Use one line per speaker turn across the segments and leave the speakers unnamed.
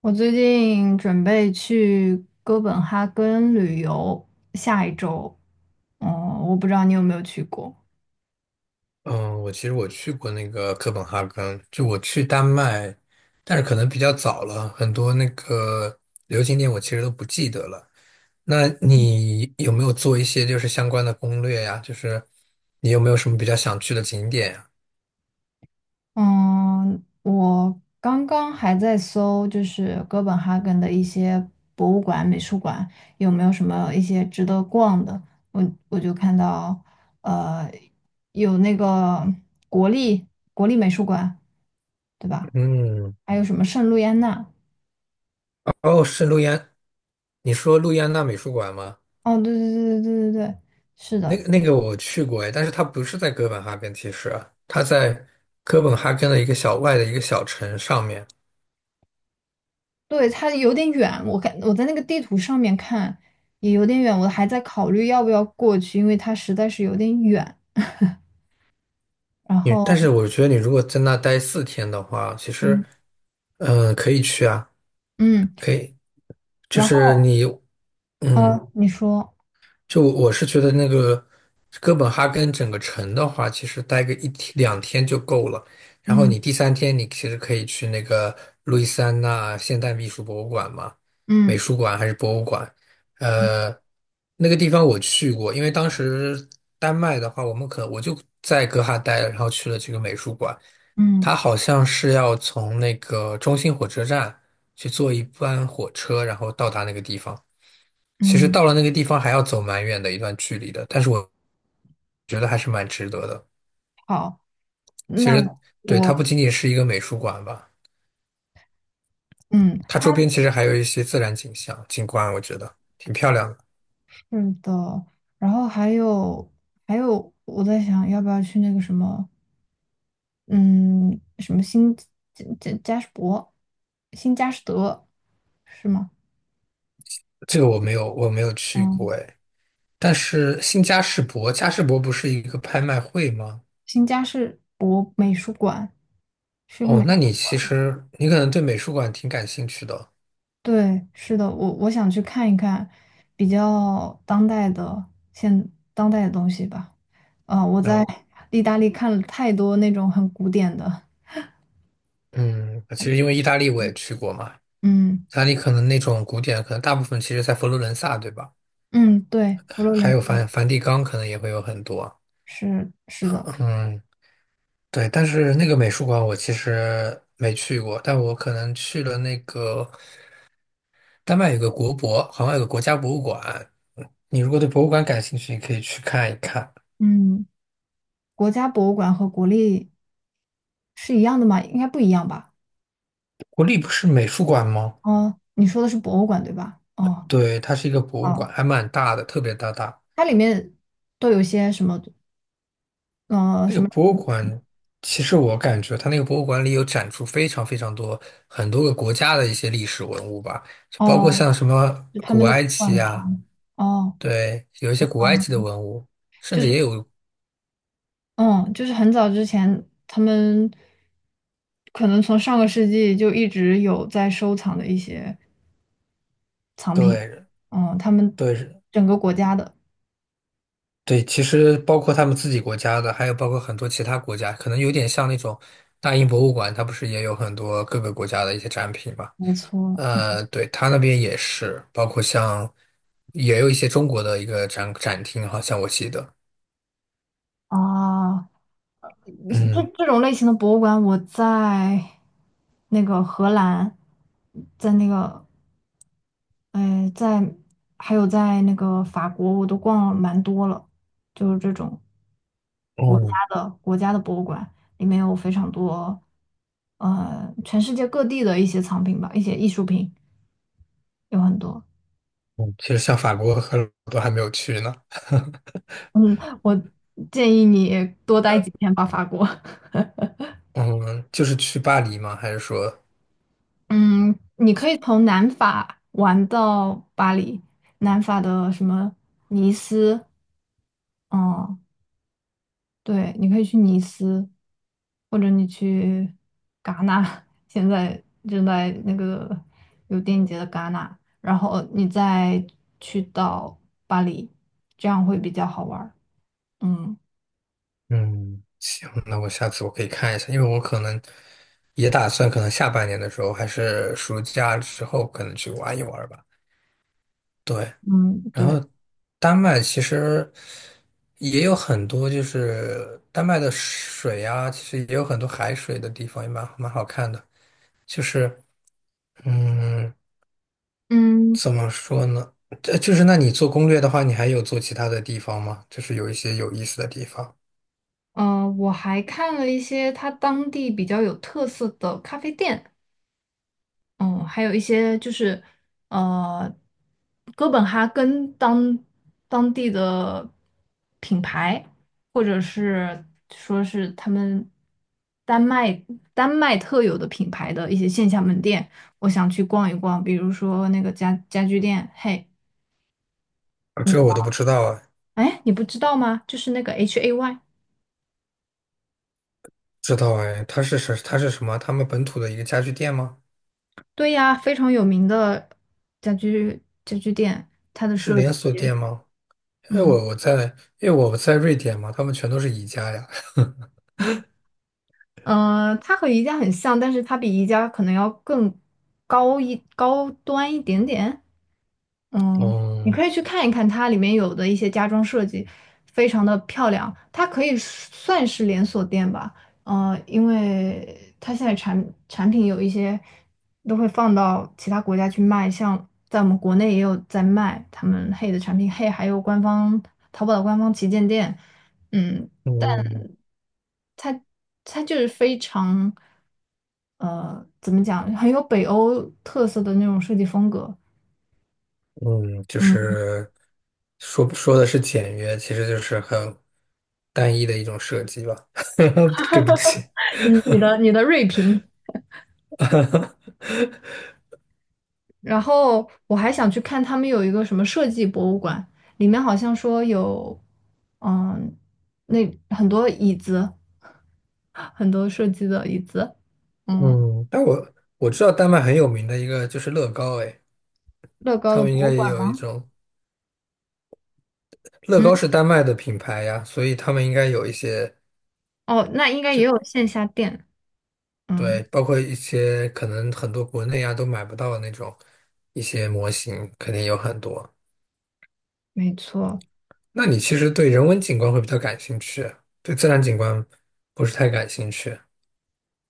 我最近准备去哥本哈根旅游，下一周。嗯，我不知道你有没有去过。
嗯，我其实去过那个哥本哈根，就我去丹麦，但是可能比较早了，很多那个旅游景点我其实都不记得了。那你有没有做一些就是相关的攻略呀？就是你有没有什么比较想去的景点呀？
嗯，我刚刚还在搜，就是哥本哈根的一些博物馆、美术馆有没有什么一些值得逛的。我就看到，呃，有那个国立国立美术馆，对吧？
嗯，
还有什么圣路易安娜？
哦，是路易安，你说路易安娜美术馆吗？
哦，对对对对对对对，是
那个
的。
那个我去过哎，但是它不是在哥本哈根，其实它在哥本哈根的一个小外的一个小城上面。
对，它有点远，我看我在那个地图上面看也有点远，我还在考虑要不要过去，因为它实在是有点远。然
你，但
后，
是我觉得你如果在那待四天的话，其实，
嗯
可以去啊，
嗯，
可以，就
然
是
后
你，嗯，
嗯你说，
就我是觉得那个哥本哈根整个城的话，其实待个一天两天就够了。然后
嗯
你第三天，你其实可以去那个路易斯安那现代艺术博物馆嘛，美
嗯
术馆还是博物馆？
嗯
呃，那个地方我去过，因为当时丹麦的话，我们可我就在哥哈待了，然后去了这个美术馆。
嗯，
它好像是要从那个中心火车站去坐一班火车，然后到达那个地方。其实
嗯，
到了那个地方还要走蛮远的一段距离的，但是我觉得还是蛮值得的。
好，
其
那
实，对，它不
我
仅仅是一个美术馆吧，
嗯，
它
它
周边其实还有一些自然景象景观，我觉得挺漂亮的。
是的。然后还有，我在想要不要去那个什么，嗯，什么新加什伯，新加什德是吗？
我没有去过
嗯。
哎。但是新嘉士伯，嘉士伯不是一个拍卖会吗？
新家是博美术馆，是个
哦，
美
那
术
你其
馆。
实你可能对美术馆挺感兴趣的哦。
对，是的，我想去看一看比较当代的现当代的东西吧。啊、我
那
在
我
意大利看了太多那种很古典的，
嗯，其实因为意大利我也去过嘛，
嗯
意大利可能那种古典，可能大部分其实在佛罗伦萨，对吧？
嗯，对，佛罗
还
伦
有
萨
梵蒂冈，可能也会有很多。
是是的。
呃嗯，对，但是那个美术馆我其实没去过，但我可能去了那个丹麦有个国博，好像有个国家博物馆。嗯你如果对博物馆感兴趣，你可以去看一看。
嗯，国家博物馆和国立是一样的吗？应该不一样吧？
国立不是美术馆吗？
哦，你说的是博物馆对吧？哦。
对，它是一个博物馆，
哦，
还蛮大的，特别大。
它里面都有些什么
那个
什么？
博物馆，其实我感觉它那个博物馆里有展出非常多很多个国家的一些历史文物吧，就包括
哦。
像什么
就他
古
们的
埃
馆
及啊，
藏。哦，
对，有一些古埃及的
嗯，
文物，甚
就
至
是
也有，
嗯，就是很早之前，他们可能从上个世纪就一直有在收藏的一些藏品。
对
嗯，他们
对
整个国家的，
对，其实包括他们自己国家的，还有包括很多其他国家，可能有点像那种大英博物馆，它不是也有很多各个国家的一些展品嘛？
没错。
呃，对，他那边也是，包括像也有一些中国的一个展厅，好像我记得。
啊，这
嗯，
这种类型的博物馆，我在那个荷兰，在那个呃，在还有在那个法国，我都逛了蛮多了，就是这种。国家
哦，
的国家的博物馆，里面有非常多，全世界各地的一些藏品吧，一些艺术品有很多。
嗯其实像法国和我都还没有去呢。
我建议你多待几天吧，法国。
嗯，就是去巴黎吗？还是说，
嗯，你可以从南法玩到巴黎，南法的什么尼斯，嗯，对，你可以去尼斯，或者你去戛纳，现在正在那个有电影节的戛纳，然后你再去到巴黎，这样会比较好玩儿。嗯
嗯，行，那我下次我可以看一下，因为我可能也打算，可能下半年的时候，还是暑假之后，可能去玩一玩吧。对，
嗯，
然后
对，
丹麦其实也有很多，就是丹麦的水啊，其实也有很多海水的地方，也蛮好看的。就是，嗯。
嗯
怎么说呢？就是那你做攻略的话，你还有做其他的地方吗？就是有一些有意思的地方，
我还看了一些它当地比较有特色的咖啡店。嗯，还有一些就是，呃，哥本哈根当地的品牌，或者是说是他们丹麦丹麦特有的品牌的一些线下门店，我想去逛一逛。比如说那个家家居店，嘿，
啊，这个我都不知道啊。
哎，你不知道吗？就是那个 HAY，
知道哎，它是什么？他们本土的一个家具店吗？
对呀，非常有名的家居店，它的
是
设
连锁
计，
店吗？哎，
嗯。
我我在，因为我在瑞典嘛，他们全都是宜家呀。
它和宜家很像，但是它比宜家可能要更高端一点点。嗯，你
嗯
可以去看一看它里面有的一些家装设计，非常的漂亮。它可以算是连锁店吧，因为它现在产品有一些都会放到其他国家去卖，像在我们国内也有在卖他们 h 的产品 h 还有官方淘宝的官方旗舰店，嗯，
嗯
它就是非常，怎么讲，很有北欧特色的那种设计风格。
嗯，就
嗯，
是说的是简约，其实就是很单一的一种设计吧。对不起，
你的锐评，然后我还想去看他们有一个什么设计博物馆，里面好像说有，嗯，那很多椅子，很多设计的椅子，嗯，
嗯，但我知道丹麦很有名的一个就是乐高，哎，
乐高
他
的
们应
博
该
物
也
馆
有一
吗？
种乐高
嗯，
是丹麦的品牌呀，所以他们应该有一些
哦，那应该也
就
有线下店，嗯，
对，包括一些可能很多国内啊都买不到的那种一些模型，肯定有很多。
没错。
那你其实对人文景观会比较感兴趣，对自然景观不是太感兴趣。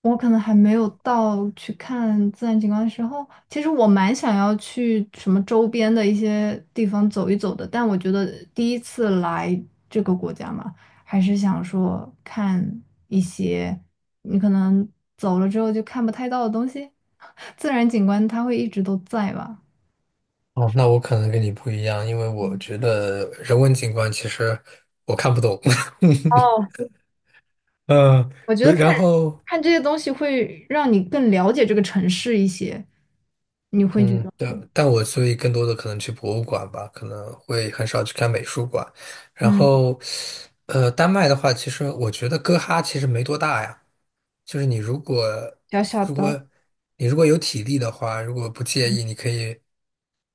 我可能还没有到去看自然景观的时候，其实我蛮想要去什么周边的一些地方走一走的，但我觉得第一次来这个国家嘛，还是想说看一些你可能走了之后就看不太到的东西，自然景观它会一直都在吧。
哦，那我可能跟你不一样，因为我
嗯
觉得人文景观其实我看不懂。
哦，
嗯，
我觉得
对，
看
然后
看这些东西会让你更了解这个城市一些，你会觉
嗯，
得
对，但我所以更多的可能去博物馆吧，可能会很少去看美术馆。然
嗯，
后，呃，丹麦的话，其实我觉得哥哈其实没多大呀，就是
小小
如果
的。
你如果有体力的话，如果不介意，你可以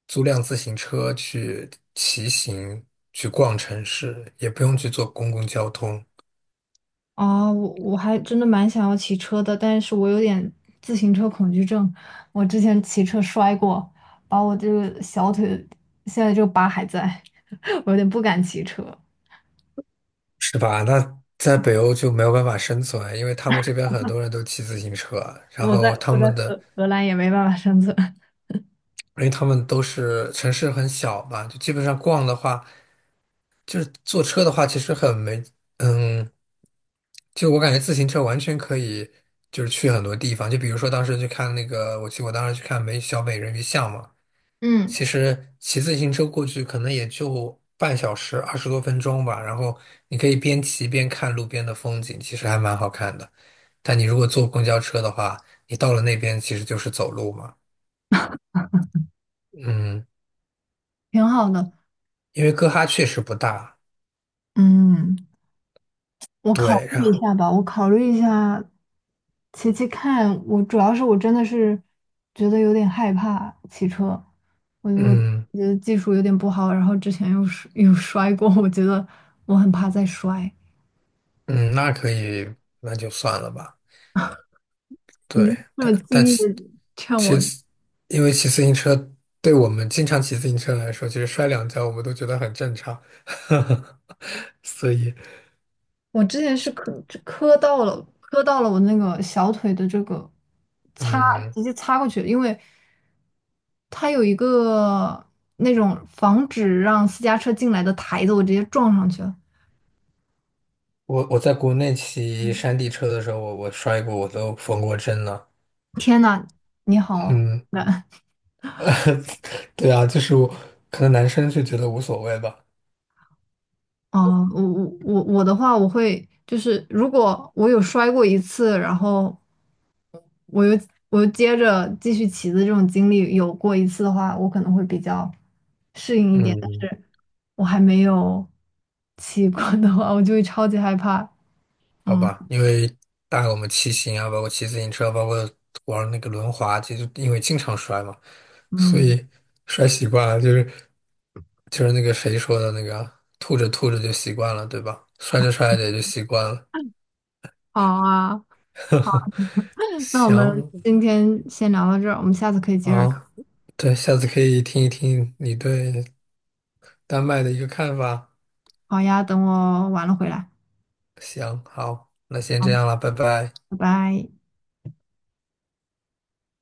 租辆自行车去骑行，去逛城市，也不用去坐公共交通，
啊，我还真的蛮想要骑车的，但是我有点自行车恐惧症。我之前骑车摔过，把我这个小腿现在这个疤还在，我有点不敢骑车。
是吧？那在北欧就没有办法生存，因为他们这边很多人都骑自行车，然
我
后
在
他
我在
们的。
荷兰也没办法生存。
因为他们都是城市很小吧，就基本上逛的话，就是坐车的话，其实很没，嗯，就我感觉自行车完全可以，就是去很多地方。就比如说当时去看那个，我当时去看美小美人鱼像嘛，其
嗯，
实骑自行车过去可能也就半小时二十多分钟吧，然后你可以边骑边看路边的风景，其实还蛮好看的。但你如果坐公交车的话，你到了那边其实就是走路嘛，嗯，
挺好的。
因为哥哈确实不大。
嗯。我考
对，
虑一
呀，
下吧，我考虑一下，骑骑看。我主要是我真的是觉得有点害怕骑车，我就
嗯
觉得技术有点不好，然后之前又摔过，我觉得我很怕再摔。
嗯，那可以，那就算了吧。
你就
对，
这么
但但
轻易的劝我，
骑骑，因为骑自行车对我们经常骑自行车来说，其实摔两跤我们都觉得很正常。所以，
我之前是磕到了，磕到了我那个小腿的这个擦，
嗯，
直接擦过去了，因为它有一个那种防止让私家车进来的台子，我直接撞上去了。
我在国内骑
嗯，
山地车的时候，我摔过，我都缝过针了。
天呐，你好
嗯，
难
对啊，就是我可能男生就觉得无所谓吧。
哦！我的话，我会就是如果我有摔过一次，然后我又我又接着继续骑的这种经历有过一次的话，我可能会比较适应一点。但
嗯。
是。我还没有骑过的话，我就会超级害怕。
好
嗯
吧，因为当然我们骑行啊，包括骑自行车，包括玩那个轮滑，其实因为经常摔嘛，所
嗯，
以摔习惯了，就是那个谁说的那个，吐着吐着就习惯了，对吧？摔着摔着也就习惯了。
好啊，那我们
行
今天先聊到这儿，我们下次可以接着
啊，
聊。
对，下次可以听一听你对丹麦的一个看法。
好呀，等我完了回来。
行，好，那先这
好，
样了，拜拜。
拜拜。